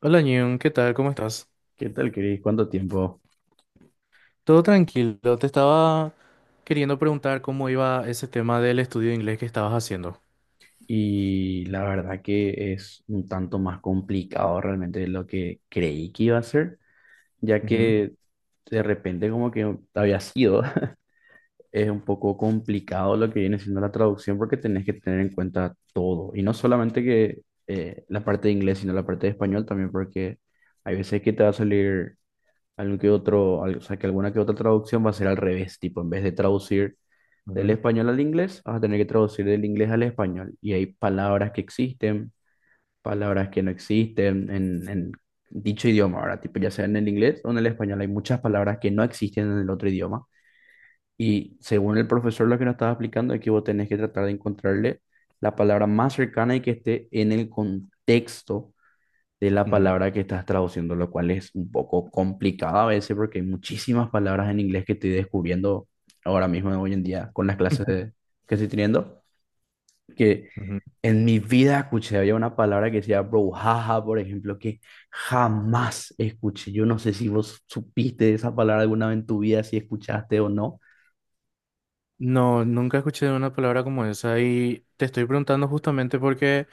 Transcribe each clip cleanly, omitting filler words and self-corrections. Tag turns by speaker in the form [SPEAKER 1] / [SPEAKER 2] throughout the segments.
[SPEAKER 1] Hola, Ñun, ¿qué tal? ¿Cómo estás?
[SPEAKER 2] ¿Qué tal, Cris? ¿Cuánto tiempo?
[SPEAKER 1] Todo tranquilo. Te estaba queriendo preguntar cómo iba ese tema del estudio de inglés que estabas haciendo.
[SPEAKER 2] Y la verdad que es un tanto más complicado realmente de lo que creí que iba a ser, ya
[SPEAKER 1] Ujú,
[SPEAKER 2] que de repente como que había sido, es un poco complicado lo que viene siendo la traducción porque tenés que tener en cuenta todo, y no solamente que la parte de inglés, sino la parte de español también, porque hay veces que te va a salir algún que otro, o sea, que alguna que otra traducción va a ser al revés, tipo, en vez de traducir del
[SPEAKER 1] ujú,
[SPEAKER 2] español al inglés, vas a tener que traducir del inglés al español. Y hay palabras que existen, palabras que no existen en dicho idioma, ahora, tipo, ya sea en el inglés o en el español, hay muchas palabras que no existen en el otro idioma. Y según el profesor lo que nos estaba explicando es que vos tenés que tratar de encontrarle la palabra más cercana y que esté en el contexto de la
[SPEAKER 1] ujú,
[SPEAKER 2] palabra que estás traduciendo, lo cual es un poco complicado a veces porque hay muchísimas palabras en inglés que estoy descubriendo ahora mismo, hoy en día, con las clases que estoy teniendo, que
[SPEAKER 1] ujú.
[SPEAKER 2] en mi vida escuché. Había una palabra que decía brouhaha, por ejemplo, que jamás escuché. Yo no sé si vos supiste esa palabra alguna vez en tu vida, si escuchaste o no.
[SPEAKER 1] No, nunca escuché una palabra como esa y te estoy preguntando justamente porque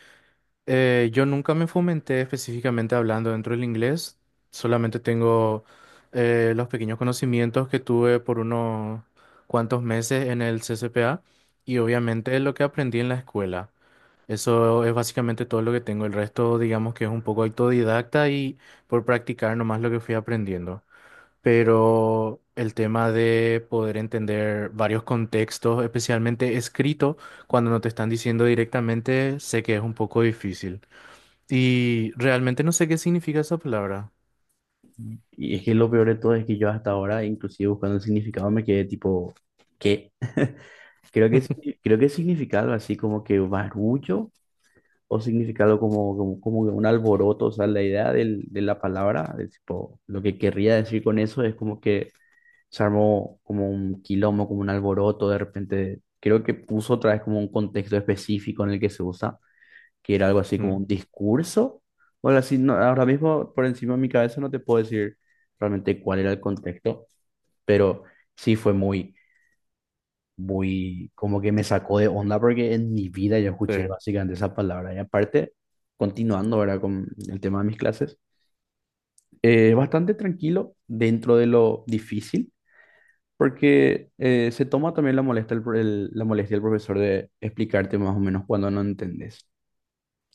[SPEAKER 1] yo nunca me fomenté específicamente hablando dentro del inglés. Solamente tengo los pequeños conocimientos que tuve por unos cuantos meses en el CCPA y obviamente lo que aprendí en la escuela. Eso es básicamente todo lo que tengo. El resto, digamos que es un poco autodidacta y por practicar nomás lo que fui aprendiendo. Pero el tema de poder entender varios contextos, especialmente escrito, cuando no te están diciendo directamente, sé que es un poco difícil. Y realmente no sé qué significa esa palabra.
[SPEAKER 2] Y es que lo peor de todo es que yo hasta ahora, inclusive buscando el significado, me quedé tipo, ¿qué? Creo que, creo que significa algo así como que barullo o significado como que un alboroto, o sea, la idea del- de la palabra, de tipo, lo que querría decir con eso es como que se armó como un quilombo, como un alboroto, de repente, creo que puso otra vez como un contexto específico en el que se usa, que era algo así como
[SPEAKER 1] Mm.
[SPEAKER 2] un discurso, o algo así, no, ahora mismo por encima de mi cabeza no te puedo decir realmente cuál era el contexto, pero sí fue muy muy, como que me sacó de onda porque en mi vida yo escuché básicamente esa palabra. Y aparte, continuando ahora con el tema de mis clases, bastante tranquilo dentro de lo difícil, porque se toma también la molestia, la molestia del profesor de explicarte más o menos cuando no entendés.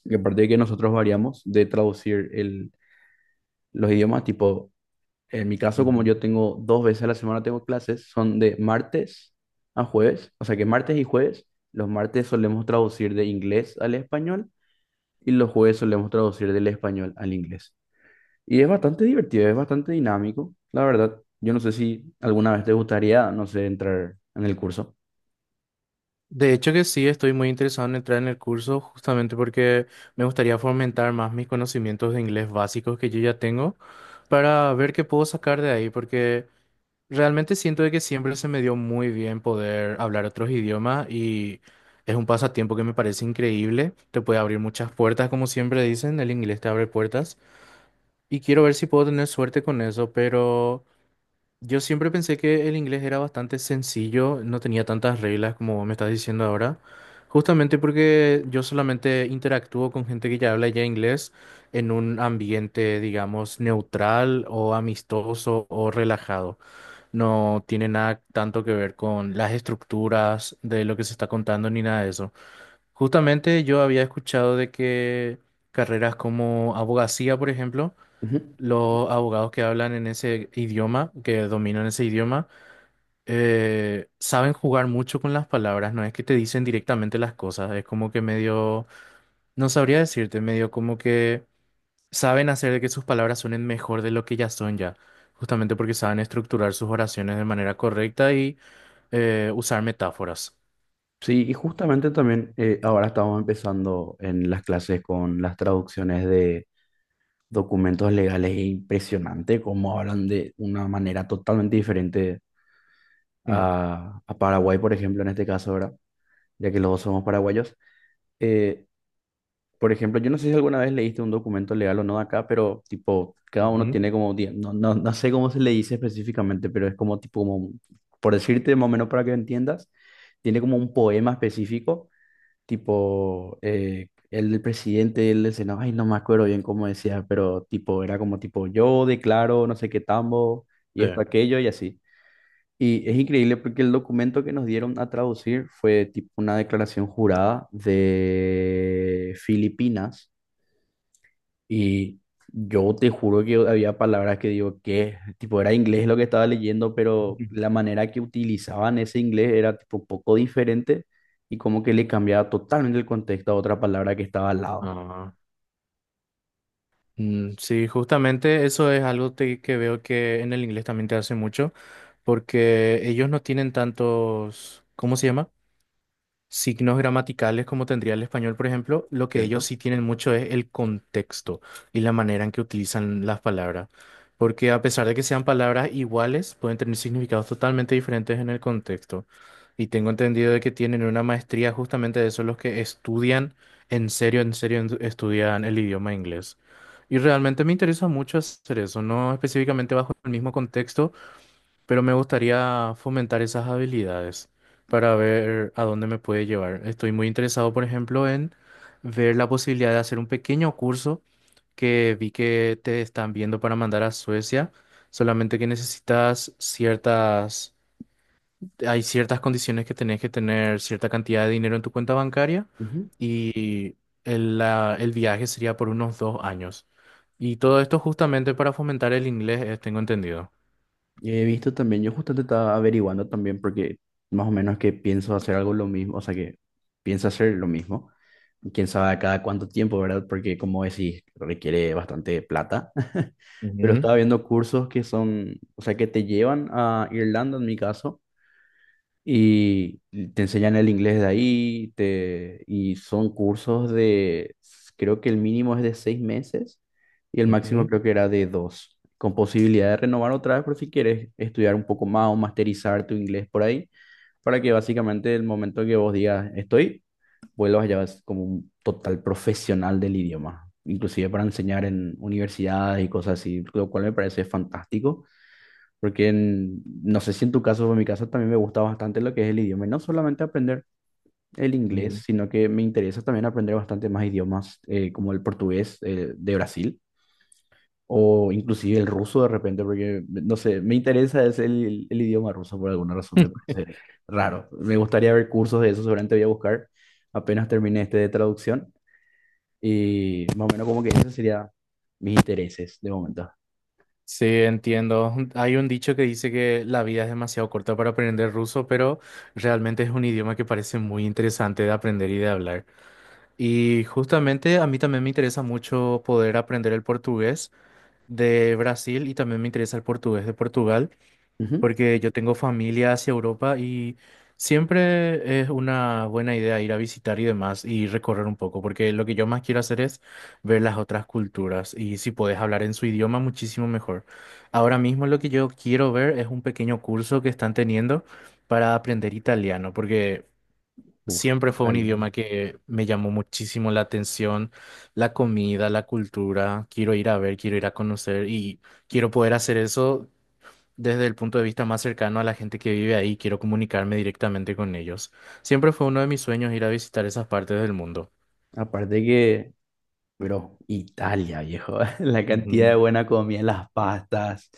[SPEAKER 2] Y aparte de que nosotros variamos de traducir los idiomas, tipo, en mi caso,
[SPEAKER 1] Sí.
[SPEAKER 2] como yo tengo dos veces a la semana tengo clases, son de martes a jueves, o sea que martes y jueves, los martes solemos traducir de inglés al español y los jueves solemos traducir del español al inglés. Y es bastante divertido, es bastante dinámico, la verdad. Yo no sé si alguna vez te gustaría, no sé, entrar en el curso.
[SPEAKER 1] De hecho que sí, estoy muy interesado en entrar en el curso justamente porque me gustaría fomentar más mis conocimientos de inglés básicos que yo ya tengo para ver qué puedo sacar de ahí, porque realmente siento de que siempre se me dio muy bien poder hablar otros idiomas y es un pasatiempo que me parece increíble, te puede abrir muchas puertas, como siempre dicen, el inglés te abre puertas y quiero ver si puedo tener suerte con eso, pero... Yo siempre pensé que el inglés era bastante sencillo, no tenía tantas reglas como vos me estás diciendo ahora, justamente porque yo solamente interactúo con gente que ya habla ya inglés en un ambiente, digamos, neutral o amistoso o relajado. No tiene nada tanto que ver con las estructuras de lo que se está contando ni nada de eso. Justamente yo había escuchado de que carreras como abogacía, por ejemplo,
[SPEAKER 2] Ujú.
[SPEAKER 1] los abogados que hablan en ese idioma, que dominan ese idioma, saben jugar mucho con las palabras, no es que te dicen directamente las cosas, es como que medio, no sabría decirte, medio como que saben hacer de que sus palabras suenen mejor de lo que ya son ya, justamente porque saben estructurar sus oraciones de manera correcta y usar metáforas.
[SPEAKER 2] Sí, y justamente también ahora estamos empezando en las clases con las traducciones de documentos legales. Es impresionante cómo hablan de una manera totalmente diferente
[SPEAKER 1] Mm.
[SPEAKER 2] a Paraguay, por ejemplo, en este caso, ahora, ya que los dos somos paraguayos. Eh, por ejemplo, yo no sé si alguna vez leíste un documento legal o no de acá, pero tipo, cada uno
[SPEAKER 1] Ujú.
[SPEAKER 2] tiene como, no, no, no sé cómo se le dice específicamente, pero es como tipo, como, por decirte más o menos para que entiendas, tiene como un poema específico tipo, el del presidente, el del Senado, ay, no me acuerdo bien cómo decía, pero tipo, era como tipo, yo declaro no sé qué tambo y
[SPEAKER 1] Sí.
[SPEAKER 2] esto, aquello y así. Y es increíble porque el documento que nos dieron a traducir fue tipo una declaración jurada de Filipinas, y yo te juro que había palabras que digo que, tipo, era inglés lo que estaba leyendo, pero
[SPEAKER 1] Ujú.
[SPEAKER 2] la manera que utilizaban ese inglés era tipo poco diferente y como que le cambiaba totalmente el contexto a otra palabra que estaba al lado,
[SPEAKER 1] Ah. Mm. Sí, justamente eso es algo que veo que en el inglés también te hace mucho, porque ellos no tienen tantos, ¿cómo se llama? Signos gramaticales como tendría el español, por ejemplo, lo que ellos
[SPEAKER 2] ¿cierto?
[SPEAKER 1] sí tienen mucho es el contexto y la manera en que utilizan las palabras. Porque a pesar de que sean palabras iguales, pueden tener significados totalmente diferentes en el contexto. Y tengo entendido de que tienen una maestría justamente de eso, los que estudian en serio, estudian el idioma inglés. Y realmente me interesa mucho hacer eso, no específicamente bajo el mismo contexto, pero me gustaría fomentar esas habilidades para ver a dónde me puede llevar. Estoy muy interesado, por ejemplo, en ver la posibilidad de hacer un pequeño curso que vi que te están viendo para mandar a Suecia, solamente que necesitas ciertas, hay ciertas condiciones que tenés que tener cierta cantidad de dinero en tu cuenta bancaria y el viaje sería por unos 2 años. Y
[SPEAKER 2] Ujú.
[SPEAKER 1] todo esto justamente para fomentar el inglés, tengo entendido.
[SPEAKER 2] He visto también, yo justamente estaba averiguando también porque más o menos que pienso hacer algo lo mismo, o sea que pienso hacer lo mismo. Quién sabe a cada cuánto tiempo, ¿verdad? Porque como decís, requiere bastante plata. Pero
[SPEAKER 1] Ujú,
[SPEAKER 2] estaba viendo cursos que son, o sea, que te llevan a Irlanda en mi caso y te enseñan el inglés de ahí, y son cursos creo que el mínimo es de 6 meses y el máximo
[SPEAKER 1] ujú,
[SPEAKER 2] creo que era de dos, con posibilidad de renovar otra vez por si quieres estudiar un poco más o masterizar tu inglés por ahí, para que básicamente el momento que vos digas estoy, vuelvas ya vas como un total profesional del idioma, inclusive para enseñar en universidades y cosas así, lo cual me parece fantástico. Porque no sé si en tu caso o en mi caso también me gusta bastante lo que es el idioma. Y no solamente aprender el
[SPEAKER 1] ujú.
[SPEAKER 2] inglés, sino que me interesa también aprender bastante más idiomas como el portugués de Brasil o inclusive el ruso de repente, porque no sé, me interesa es el idioma ruso por alguna razón, me parece raro. Me gustaría ver cursos de eso, seguramente voy a buscar apenas termine este de traducción. Y más o menos como que esos serían mis intereses de momento.
[SPEAKER 1] Sí, entiendo. Hay un dicho que dice que la vida es demasiado corta para aprender ruso, pero realmente es un idioma que parece muy interesante de aprender y de hablar. Y justamente a mí también me interesa mucho poder aprender el portugués de Brasil y también me interesa el portugués de Portugal
[SPEAKER 2] Ujú.
[SPEAKER 1] porque yo tengo familia hacia Europa y siempre es una buena idea ir a visitar y demás y recorrer un poco, porque lo que yo más quiero hacer es ver las otras culturas y si puedes hablar en su idioma, muchísimo mejor. Ahora mismo lo que yo quiero ver es un pequeño curso que están teniendo para aprender italiano, porque...
[SPEAKER 2] Uf,
[SPEAKER 1] Siempre fue un
[SPEAKER 2] italiano.
[SPEAKER 1] idioma que me llamó muchísimo la atención, la comida, la cultura. Quiero ir a ver, quiero ir a conocer y quiero poder hacer eso desde el punto de vista más cercano a la gente que vive ahí, quiero comunicarme directamente con ellos. Siempre fue uno de mis sueños ir a visitar esas partes del mundo.
[SPEAKER 2] Aparte que bro, Italia, viejo. La cantidad de
[SPEAKER 1] Ujú,
[SPEAKER 2] buena comida, las pastas,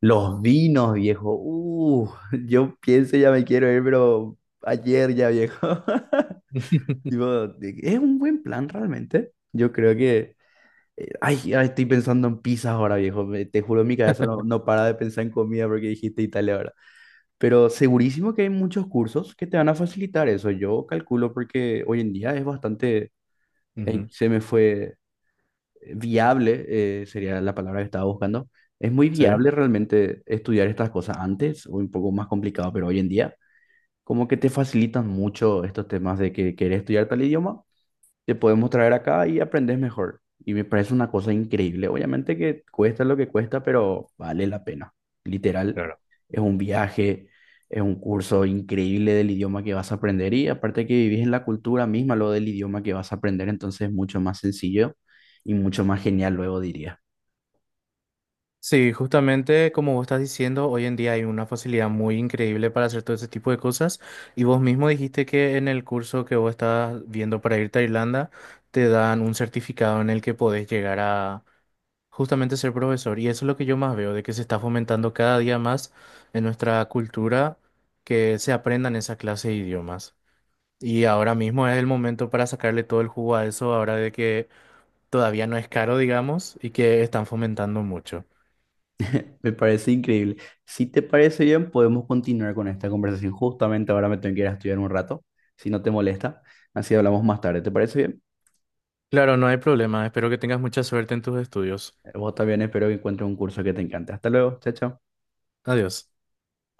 [SPEAKER 2] los vinos, viejo. Yo pienso ya me quiero ir, pero ayer ya, viejo. Tipo, de- es un buen plan realmente. Yo creo que... ay, ay, estoy pensando en pizzas ahora, viejo. Te juro, mi cabeza no, no para de pensar en comida porque dijiste Italia ahora. Pero segurísimo que hay muchos cursos que te van a facilitar eso. Yo calculo porque hoy en día es bastante... Ey,
[SPEAKER 1] ujú.
[SPEAKER 2] se me fue viable, sería la palabra que estaba buscando. Es muy
[SPEAKER 1] Sí.
[SPEAKER 2] viable realmente estudiar estas cosas antes, o un poco más complicado, pero hoy en día, como que te facilitan mucho estos temas de que querés estudiar tal idioma, te podemos traer acá y aprendes mejor. Y me parece una cosa increíble. Obviamente que cuesta lo que cuesta, pero vale la pena. Literal,
[SPEAKER 1] Claro.
[SPEAKER 2] es un viaje, es un curso increíble del idioma que vas a aprender y aparte que vivís en la cultura misma, lo del idioma que vas a aprender, entonces es mucho más sencillo y mucho más genial, luego diría.
[SPEAKER 1] Sí, justamente como vos estás diciendo, hoy en día hay una facilidad muy increíble para hacer todo ese tipo de cosas. Y vos mismo dijiste que en el curso que vos estás viendo para irte a Irlanda, te dan un certificado en el que podés llegar a justamente ser profesor, y eso es lo que yo más veo, de que se está fomentando cada día más en nuestra cultura que se aprendan esa clase de idiomas. Y ahora mismo es el momento para sacarle todo el jugo a eso, ahora de que todavía no es caro, digamos, y que están fomentando mucho.
[SPEAKER 2] Me parece increíble. Si te parece bien, podemos continuar con esta conversación. Justamente ahora me tengo que ir a estudiar un rato, si no te molesta. Así hablamos más tarde. ¿Te parece bien?
[SPEAKER 1] Claro, no hay problema, espero que tengas mucha suerte en tus estudios.
[SPEAKER 2] Vos también espero que encuentres un curso que te encante. Hasta luego, chao, chao.
[SPEAKER 1] Adiós.